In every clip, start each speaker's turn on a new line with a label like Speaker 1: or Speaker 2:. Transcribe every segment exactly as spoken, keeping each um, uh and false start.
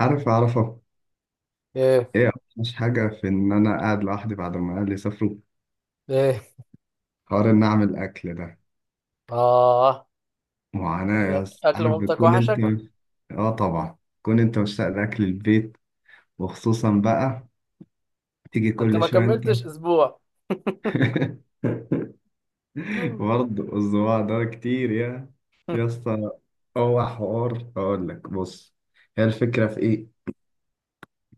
Speaker 1: عارف أعرفه.
Speaker 2: ايه.
Speaker 1: إيه؟ مش حاجة، في إن أنا قاعد لوحدي بعد ما أهلي سافروا.
Speaker 2: ايه.
Speaker 1: حوار إن أعمل أكل ده
Speaker 2: اه.
Speaker 1: معاناة يا
Speaker 2: اكل
Speaker 1: اسطى،
Speaker 2: أكل
Speaker 1: عارف،
Speaker 2: مامتك
Speaker 1: بتكون أنت.
Speaker 2: وحشك؟
Speaker 1: آه طبعا تكون أنت مشتاق لأكل البيت، وخصوصا بقى تيجي
Speaker 2: انت
Speaker 1: كل
Speaker 2: ما
Speaker 1: شوية أنت.
Speaker 2: كملتش اسبوع. مم.
Speaker 1: برضه الصباع ده كتير يا يا اسطى. هو حوار، اقول لك بص، هي الفكره في ايه؟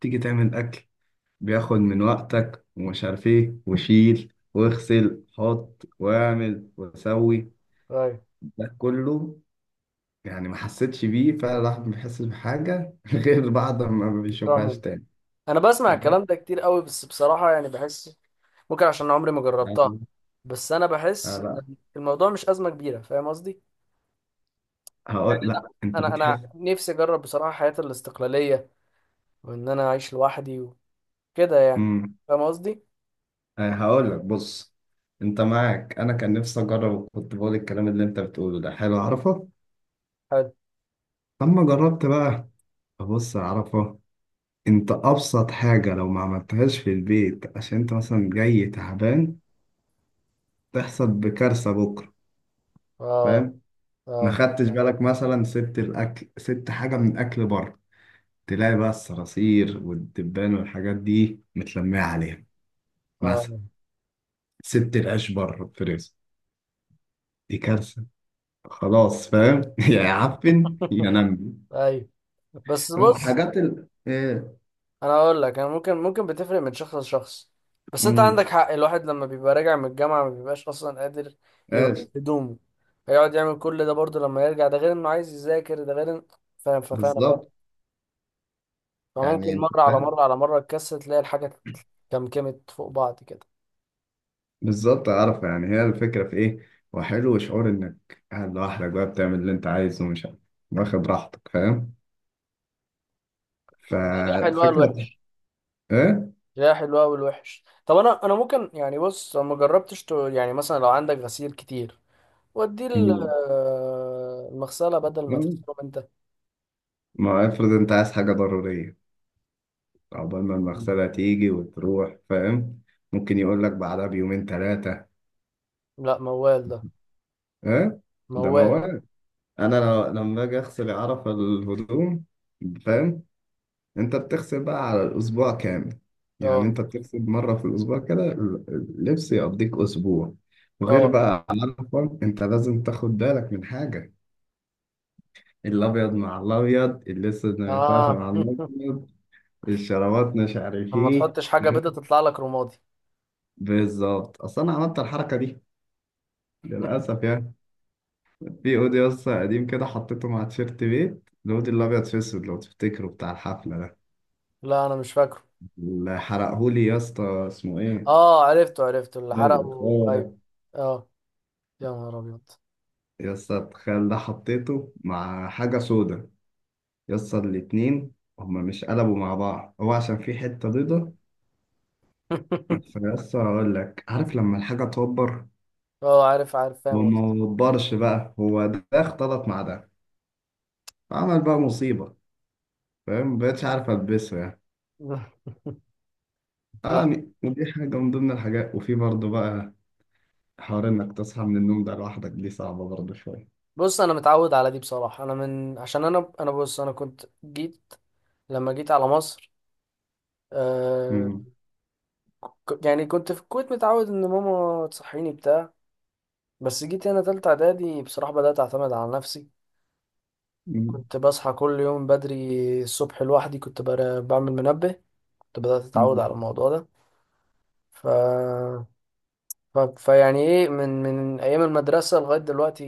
Speaker 1: تيجي تعمل اكل، بياخد من وقتك ومش عارف ايه، وشيل واغسل حط واعمل وسوي
Speaker 2: طيب،
Speaker 1: ده كله. يعني ما حسيتش بيه فعلا، الواحد ما بيحسش بحاجة غير بعد ما ما
Speaker 2: بتروح
Speaker 1: بيشوفهاش
Speaker 2: من.
Speaker 1: تاني.
Speaker 2: انا بسمع
Speaker 1: تمام.
Speaker 2: الكلام ده كتير قوي، بس بصراحة يعني بحس ممكن عشان عمري ما جربتها.
Speaker 1: يعني-
Speaker 2: بس انا بحس
Speaker 1: آه لا،
Speaker 2: ان الموضوع مش أزمة كبيرة، فاهم قصدي؟
Speaker 1: هقول لا. انت
Speaker 2: انا انا
Speaker 1: بتحس؟
Speaker 2: نفسي اجرب بصراحة حياة الاستقلالية، وان انا اعيش لوحدي وكده يعني.
Speaker 1: امم.
Speaker 2: فاهم قصدي؟
Speaker 1: آه هقول لك بص، انت معاك، انا كان نفسي اجرب، كنت بقول الكلام اللي انت بتقوله ده حلو عرفه.
Speaker 2: حلو.
Speaker 1: لما جربت بقى، بص يا عرفه، انت ابسط حاجة لو ما عملتهاش في البيت عشان انت مثلا جاي تعبان، تحصل بكارثة بكرة.
Speaker 2: اه.
Speaker 1: فاهم؟ ما
Speaker 2: اه.
Speaker 1: خدتش بالك، مثلا سبت الاكل، سبت حاجة من اكل بره، تلاقي بقى الصراصير والدبان والحاجات دي متلمية عليها. مثلا
Speaker 2: اه.
Speaker 1: سبت العيش بره في رزق، دي كارثة. خلاص فاهم؟ يا يعفن يا نمي.
Speaker 2: ايوه. بس بص،
Speaker 1: حاجات ال ايه.
Speaker 2: انا اقول لك، انا ممكن ممكن بتفرق من شخص لشخص. بس انت
Speaker 1: امم.
Speaker 2: عندك حق، الواحد لما بيبقى راجع من الجامعه ما بيبقاش اصلا قادر
Speaker 1: ايش؟
Speaker 2: يغير هدومه. هيقعد يعمل كل ده برضه لما يرجع، ده غير انه عايز يذاكر، ده غير إن-. فاهم، فاهم، فاهم.
Speaker 1: بالظبط يعني،
Speaker 2: فممكن
Speaker 1: انت
Speaker 2: مره على
Speaker 1: فاهم.
Speaker 2: مره على مره تكسر تلاقي الحاجه كمكمت فوق بعض كده.
Speaker 1: بالظبط عارف، يعني هي الفكرة في ايه. وحلو شعور انك قاعد لوحدك بقى، بتعمل اللي انت عايزه ومش عارف، واخد راحتك، فاهم؟
Speaker 2: تلاقيها حلوه
Speaker 1: فالفكرة
Speaker 2: والوحش.
Speaker 1: ايه.
Speaker 2: تلاقيها حلوه والوحش. طب، انا انا ممكن يعني، بص، أنا ما جربتش ت-، يعني مثلا لو عندك غسيل كتير وديه ال-،
Speaker 1: مم.
Speaker 2: آه، المغسله بدل ما تغسله انت.
Speaker 1: ما افرض انت عايز حاجة ضرورية، عقبال ما
Speaker 2: مم.
Speaker 1: المغسلة تيجي وتروح، فاهم؟ ممكن يقول لك بعدها بيومين ثلاثة.
Speaker 2: لا، موال ده.
Speaker 1: ها؟ ده
Speaker 2: موال.
Speaker 1: موال. أنا لو- لما أجي أغسل، عرف الهدوم، فاهم؟ أنت بتغسل بقى على الأسبوع كامل. يعني
Speaker 2: اه.
Speaker 1: أنت بتغسل مرة في الأسبوع، كده ال- اللبس يقضيك أسبوع. وغير
Speaker 2: اه.
Speaker 1: بقى عرفة، أنت لازم تاخد بالك من حاجة. الأبيض مع الأبيض، الأسود ما ينفعش
Speaker 2: اه.
Speaker 1: مع الأبيض، الشرابات مش عارف
Speaker 2: لما
Speaker 1: إيه.
Speaker 2: تحطش حاجة بيضة تطلع لك رمادي.
Speaker 1: بالظبط، أصل أنا عملت الحركة دي للأسف يعني. في اودي اصلا قديم كده، حطيته مع تيشيرت. بيت الاودي الابيض في اسود، لو تفتكره، بتاع الحفله ده،
Speaker 2: لا انا مش فاكره.
Speaker 1: اللي حرقهولي يا اسطى، اسمه ايه.
Speaker 2: اه، عرفته، عرفته اللي
Speaker 1: إيه ده
Speaker 2: حرقه،
Speaker 1: الخوال
Speaker 2: ايوه.
Speaker 1: ده!
Speaker 2: اه. يا نهار ابيض.
Speaker 1: يا اسطى التخيل ده، حطيته مع حاجه سودا، يا اسطى الاتنين هما مش قلبوا مع بعض، هو عشان في حته بيضه. فيا اسطى اقول لك، عارف لما الحاجه توبر؟
Speaker 2: اه، عارف، عارف،
Speaker 1: هو
Speaker 2: فاهم قصدي.
Speaker 1: ما وبرش بقى، هو ده اختلط مع ده، عمل بقى مصيبه. فاهم؟ مبقتش عارف البسه يعني.
Speaker 2: لا.
Speaker 1: يعني ودي حاجه من ضمن الحاجات. وفي برضه بقى حوار انك تصحى من النوم ده لوحدك، دي صعبة برضه شوية.
Speaker 2: بص، انا متعود على دي بصراحة، انا من عشان انا انا بص، انا كنت جيت لما جيت على مصر. آه.
Speaker 1: مم.
Speaker 2: ك- يعني كنت في الكويت متعود ان ماما تصحيني بتاع. بس جيت هنا تالتة اعدادي، بصراحة بدأت اعتمد على نفسي.
Speaker 1: مم.
Speaker 2: كنت بصحى كل يوم بدري الصبح لوحدي، كنت بر- بعمل منبه. كنت بدأت أتعود
Speaker 1: مم.
Speaker 2: على الموضوع ده. ف... ف... فيعني إيه، من من أيام المدرسة لغاية دلوقتي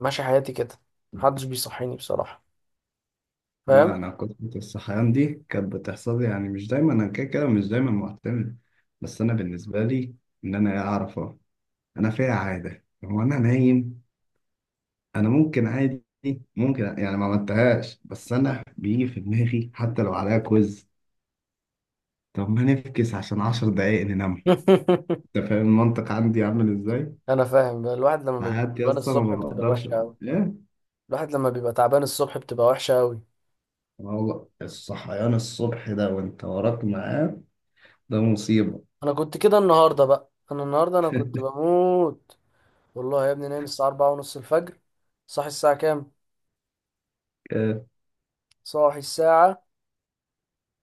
Speaker 2: ماشي حياتي كده، محدش بيصحيني بصراحة. فاهم.
Speaker 1: لا، انا كنت الصحيان دي كانت بتحصل لي، يعني مش دايما، انا كده كده مش دايما معتمد. بس انا بالنسبة لي، ان انا اعرف أهو. انا فيها عادة، هو انا نايم، انا ممكن عادي، ممكن يعني ما عملتهاش، بس انا بيجي في دماغي حتى لو عليها كويز، طب ما نفكس عشان عشر دقايق ننام. انت فاهم المنطق عندي عامل ازاي؟
Speaker 2: أنا فاهم، الواحد لما بيبقى
Speaker 1: ساعات يا
Speaker 2: تعبان
Speaker 1: اسطى
Speaker 2: الصبح
Speaker 1: ما
Speaker 2: بتبقى
Speaker 1: بقدرش.
Speaker 2: وحشة أوي.
Speaker 1: لا.
Speaker 2: الواحد لما بيبقى تعبان الصبح بتبقى وحشة أوي.
Speaker 1: والله الصحيان الصبح ده وانت وراك ميعاد، ده مصيبة.
Speaker 2: أنا كنت كده النهاردة بقى، أنا النهاردة أنا كنت بموت. والله يا ابني، نايم الساعة أربعة ونص الفجر. صاحي الساعة كام؟
Speaker 1: إيه؟
Speaker 2: صاحي الساعة،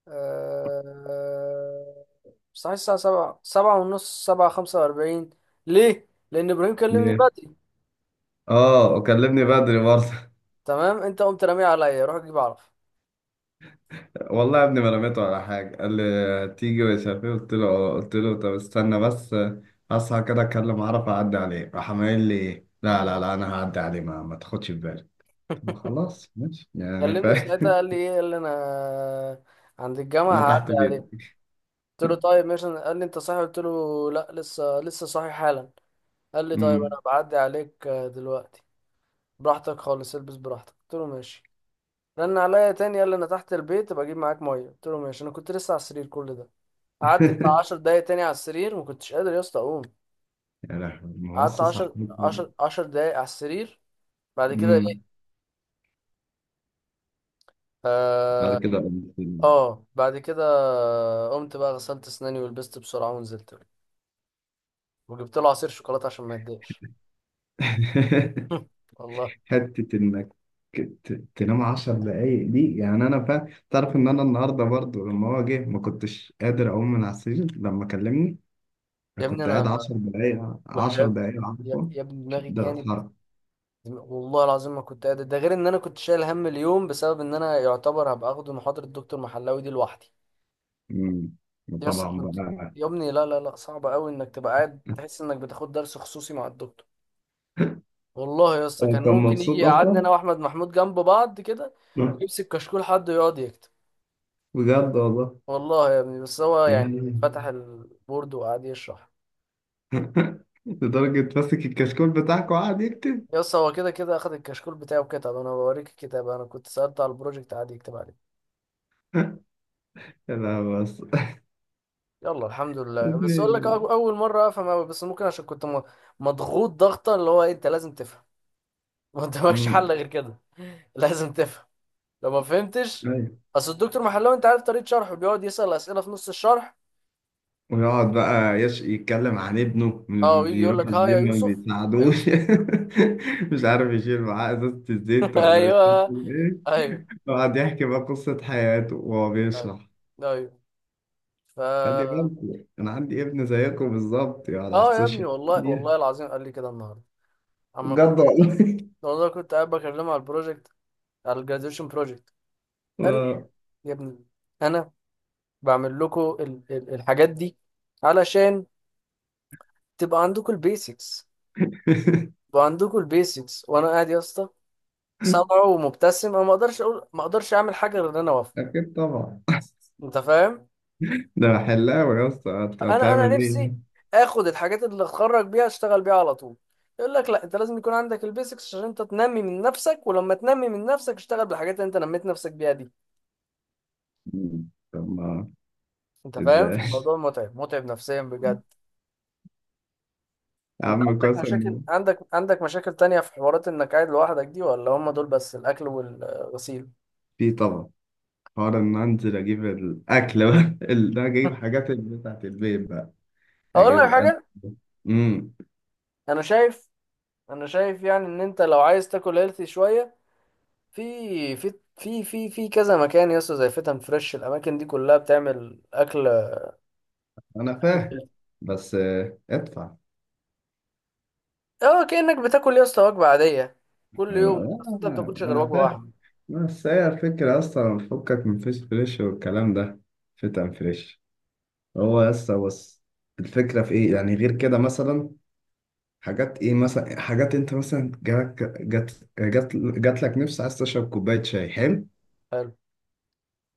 Speaker 2: آه، صحيح الساعة سبعة، سبعة ونص، سبعة خمسة وأربعين. ليه؟ لأن إبراهيم كلمني
Speaker 1: ليه؟
Speaker 2: بدري.
Speaker 1: اه وكلمني بدري برضه.
Speaker 2: تمام، أنت قمت راميه عليا روح أجيب عرف.
Speaker 1: والله يا ابني ما رميته على حاجة، قال لي تيجي مش عارف ايه، قلت له اه، قلت له طب استنى بس، هصحى كده اتكلم عرف اعدي عليه، راح قايل لي لا لا لا، انا هعدي عليه، ما, ما تاخدش في بالك. طب خلاص ماشي، يعني
Speaker 2: كلمني في
Speaker 1: فاهم.
Speaker 2: ساعتها قال لي إيه، قال لي أنا عند الجامعة
Speaker 1: انا تحت
Speaker 2: هعدي عليك.
Speaker 1: بيتي.
Speaker 2: قلت له طيب ماشي. قال لي أنت صاحي؟ قلت له لا، لسه لسه صاحي حالا. قال لي طيب
Speaker 1: امم.
Speaker 2: أنا بعدي عليك، آه، دلوقتي. براحتك خالص البس براحتك، قلت له ماشي. رن عليا تاني قال لي أنا تحت البيت، بجيب معاك مية؟ قلت له ماشي، أنا كنت لسه على السرير كل ده. قعدت بتاع عشر دقايق تاني على السرير، ما كنتش قادر يا اسطى اقوم.
Speaker 1: يا لهوي، ما هو
Speaker 2: قعدت
Speaker 1: لسه
Speaker 2: عشرة
Speaker 1: صاحبي.
Speaker 2: عشر عشر دقايق على السرير. بعد كده
Speaker 1: امم.
Speaker 2: ايه؟
Speaker 1: بعد
Speaker 2: اه.
Speaker 1: كده قمت.
Speaker 2: آه، بعد كده قمت بقى، غسلت اسناني ولبست بسرعه ونزلت له. وجبت له عصير شوكولاته عشان ما يتضايقش. والله
Speaker 1: حتة إنك ت- تنام عشر دقايق دي، يعني أنا فا تعرف إن أنا النهاردة برضو لما هو جه ما كنتش قادر أقوم من على السرير لما كلمني.
Speaker 2: يا
Speaker 1: أنا
Speaker 2: ابني
Speaker 1: كنت
Speaker 2: انا.
Speaker 1: قاعد عشر دقايق، عشر
Speaker 2: وحياة.
Speaker 1: دقايق
Speaker 2: يا
Speaker 1: عارفه،
Speaker 2: يا ابني
Speaker 1: مش
Speaker 2: دماغي
Speaker 1: قادر
Speaker 2: كانت.
Speaker 1: أتحرك.
Speaker 2: والله العظيم ما كنت قادر، ده غير ان انا كنت شايل هم اليوم بسبب ان انا يعتبر هبقى اخده محاضره الدكتور محلاوي دي لوحدي.
Speaker 1: أمم.
Speaker 2: يا اسطى
Speaker 1: طبعا
Speaker 2: كنت.
Speaker 1: بقى.
Speaker 2: يا ابني لا لا لا، صعب قوي انك تبقى قاعد تحس انك بتاخد درس خصوصي مع الدكتور. والله يا اسطى
Speaker 1: هو
Speaker 2: كان
Speaker 1: كان
Speaker 2: ممكن يجي
Speaker 1: مبسوط
Speaker 2: يقعدنا
Speaker 1: أصلا،
Speaker 2: انا واحمد محمود جنب بعض كده، ويمسك كشكول حد ويقعد يكتب.
Speaker 1: بجد والله.
Speaker 2: والله يا ابني بس هو يعني
Speaker 1: يعني
Speaker 2: فتح البورد وقعد يشرح.
Speaker 1: لدرجة ماسك الكشكول بتاعك وقعد يكتب.
Speaker 2: يا اسطى، هو كده كده اخد الكشكول بتاعه وكتب، انا بوريك الكتاب، انا كنت سألت على البروجكت قعد يكتب عليه.
Speaker 1: لا بس
Speaker 2: يلا الحمد
Speaker 1: يا
Speaker 2: لله. بس اقول لك، أو-
Speaker 1: ابني.
Speaker 2: اول مره افهم قوي، بس ممكن عشان كنت م-، مضغوط ضغطه، اللي هو إيه، انت لازم تفهم. ما قدامكش
Speaker 1: أمم.
Speaker 2: حل غير كده. لازم تفهم لو ما فهمتش. اصل الدكتور محلاوي انت عارف طريقه شرحه، بيقعد يسال اسئله في نص الشرح.
Speaker 1: ويقعد بقى يش يتكلم عن ابنه،
Speaker 2: اه،
Speaker 1: م-
Speaker 2: ويجي يقول
Speaker 1: بيروح
Speaker 2: لك ها يا
Speaker 1: الجيم ما
Speaker 2: يوسف. يا
Speaker 1: بيساعدوش.
Speaker 2: يوسف.
Speaker 1: مش عارف يشيل معاه ازازة الزيت ولا مش عارف
Speaker 2: ايوه.
Speaker 1: ايه.
Speaker 2: ايوه.
Speaker 1: يقعد يحكي بقى قصة حياته وهو
Speaker 2: ايوه.
Speaker 1: بيشرح.
Speaker 2: ايوه.
Speaker 1: خلي
Speaker 2: ف.
Speaker 1: بالكم انا عندي ابن زيكم بالظبط يقعد على
Speaker 2: اه يا ابني،
Speaker 1: السوشيال
Speaker 2: والله
Speaker 1: ميديا.
Speaker 2: والله العظيم قال لي كده النهارده، اما كنت.
Speaker 1: بجد والله.
Speaker 2: والله كنت قاعد بكلمه على البروجكت، على الجراديويشن بروجكت. قال لي
Speaker 1: آه.
Speaker 2: يا ابني، انا بعمل لكم ال- ال- الحاجات دي علشان تبقى عندكم البيسكس. تبقى عندكم البيسكس، وانا قاعد يا اسطى صابع ومبتسم، انا ما اقدرش اقول، ما اقدرش اعمل حاجه غير ان انا اوافق.
Speaker 1: اكيد طبعا.
Speaker 2: انت فاهم؟
Speaker 1: ده حلاوة يا اسطى هت-
Speaker 2: انا انا
Speaker 1: هتعمل
Speaker 2: نفسي
Speaker 1: ايه.
Speaker 2: اخد الحاجات اللي اتخرج بيها اشتغل بيها على طول. يقول لك لا، انت لازم يكون عندك البيسكس عشان انت تنمي من نفسك، ولما تنمي من نفسك اشتغل بالحاجات اللي انت نميت نفسك بيها دي.
Speaker 1: طب ما
Speaker 2: انت فاهم؟
Speaker 1: ازاي.
Speaker 2: الموضوع متعب متعب نفسيا بجد.
Speaker 1: يا
Speaker 2: انت
Speaker 1: عم
Speaker 2: عندك مشاكل،
Speaker 1: قسم.
Speaker 2: عندك عندك مشاكل تانية في حوارات انك قاعد لوحدك دي، ولا هم دول بس الاكل والغسيل؟
Speaker 1: في طبعا، حوار ان انزل اجيب الاكل بقى ال- ده اجيب حاجات ال- بتاعت البيت بقى،
Speaker 2: اقول لك
Speaker 1: اجيب انا.
Speaker 2: حاجه.
Speaker 1: امم.
Speaker 2: انا شايف، انا شايف يعني ان انت لو عايز تاكل هيلثي شويه، في في في في في كذا مكان يا اسطى زي فتن فريش، الاماكن دي كلها بتعمل اكل.
Speaker 1: انا فاهم، بس آه، ادفع.
Speaker 2: اه، كأنك بتاكل يا اسطى وجبة عادية كل يوم، بس انت ما
Speaker 1: آه،
Speaker 2: بتاكلش غير
Speaker 1: انا
Speaker 2: وجبة
Speaker 1: فاهم.
Speaker 2: واحدة.
Speaker 1: بس هي الفكرة اصلا، فكك من فيس فريش والكلام ده، فتن فريش. هو بس بس الفكرة في ايه يعني غير كده؟ مثلا حاجات ايه مثلا، حاجات انت مثلا جات جات جات, جات لك نفس عايز تشرب كوباية شاي حلو،
Speaker 2: حلو.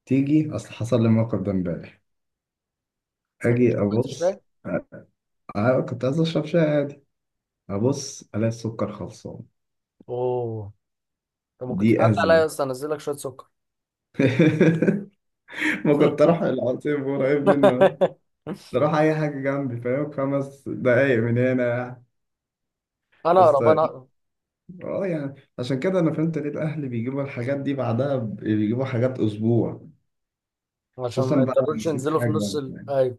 Speaker 1: تيجي. اصل حصل لي الموقف ده امبارح.
Speaker 2: ما تاكلش
Speaker 1: اجي
Speaker 2: كوباية
Speaker 1: ابص،
Speaker 2: الشاي؟
Speaker 1: أنا كنت عايز أشرب شاي عادي، أبص ألاقي السكر خلصان.
Speaker 2: اوه. انت ممكن
Speaker 1: دي
Speaker 2: تتعدى عليا
Speaker 1: أزمة.
Speaker 2: يا اسطى انزل لك شوية سكر.
Speaker 1: ما كنت أروح العصير قريب منه، أروح أي حاجة جنبي، فاهم، خمس دقايق من هنا
Speaker 2: انا
Speaker 1: بس.
Speaker 2: اقرب، انا اقرب.
Speaker 1: اه، يعني عشان كده أنا فهمت ليه الأهل بيجيبوا الحاجات دي بعدها، ب- بيجيبوا حاجات أسبوع.
Speaker 2: عشان ما
Speaker 1: خصوصا بقى لو
Speaker 2: يضطروش
Speaker 1: نسيت
Speaker 2: ينزلوا في نص
Speaker 1: حاجة،
Speaker 2: ال...
Speaker 1: يعني
Speaker 2: ايوه،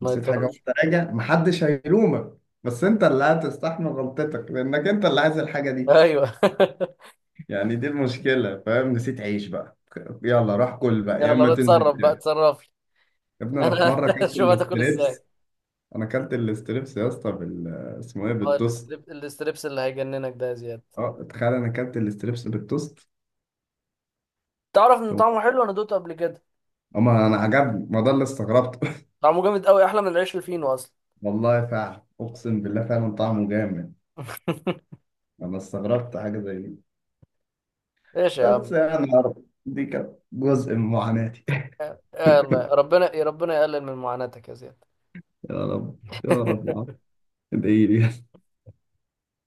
Speaker 2: ما
Speaker 1: نسيت حاجة
Speaker 2: يضطروش،
Speaker 1: وأنت راجع، محدش هيلومك، بس أنت اللي هتستحمل غلطتك، لأنك أنت اللي عايز الحاجة دي.
Speaker 2: ايوه.
Speaker 1: يعني دي المشكلة، فاهم؟ نسيت عيش بقى، يلا روح كل بقى، يا
Speaker 2: يلا
Speaker 1: اما
Speaker 2: انا
Speaker 1: تنزل
Speaker 2: اتصرف بقى،
Speaker 1: تاني.
Speaker 2: اتصرف لي.
Speaker 1: يا ابني انا في
Speaker 2: انا.
Speaker 1: مرة اكلت
Speaker 2: شوف هتاكل ازاي.
Speaker 1: الاستريبس. انا اكلت الاستريبس يا اسطى بال اسمه ايه،
Speaker 2: اه،
Speaker 1: بالتوست.
Speaker 2: الاستريب الاستريبس اللي هيجننك ده يا زياد.
Speaker 1: اه تخيل، انا اكلت الاستريبس بالتوست.
Speaker 2: تعرف ان
Speaker 1: طب
Speaker 2: طعمه حلو، انا دوقته قبل كده.
Speaker 1: اما انا عجبني، ما ده اللي استغربته.
Speaker 2: طعمه جامد قوي احلى من العيش الفينو اصلا.
Speaker 1: والله فعلا، اقسم بالله فعلا طعمه جامد. انا استغربت حاجة زي دي.
Speaker 2: ايش يا
Speaker 1: بس
Speaker 2: عم.
Speaker 1: يعني يا رب دي كانت جزء من معاناتي.
Speaker 2: يلا، ربنا ربنا يقلل من معاناتك يا زياد.
Speaker 1: يا رب. يا رب يا عم، ادعي لي.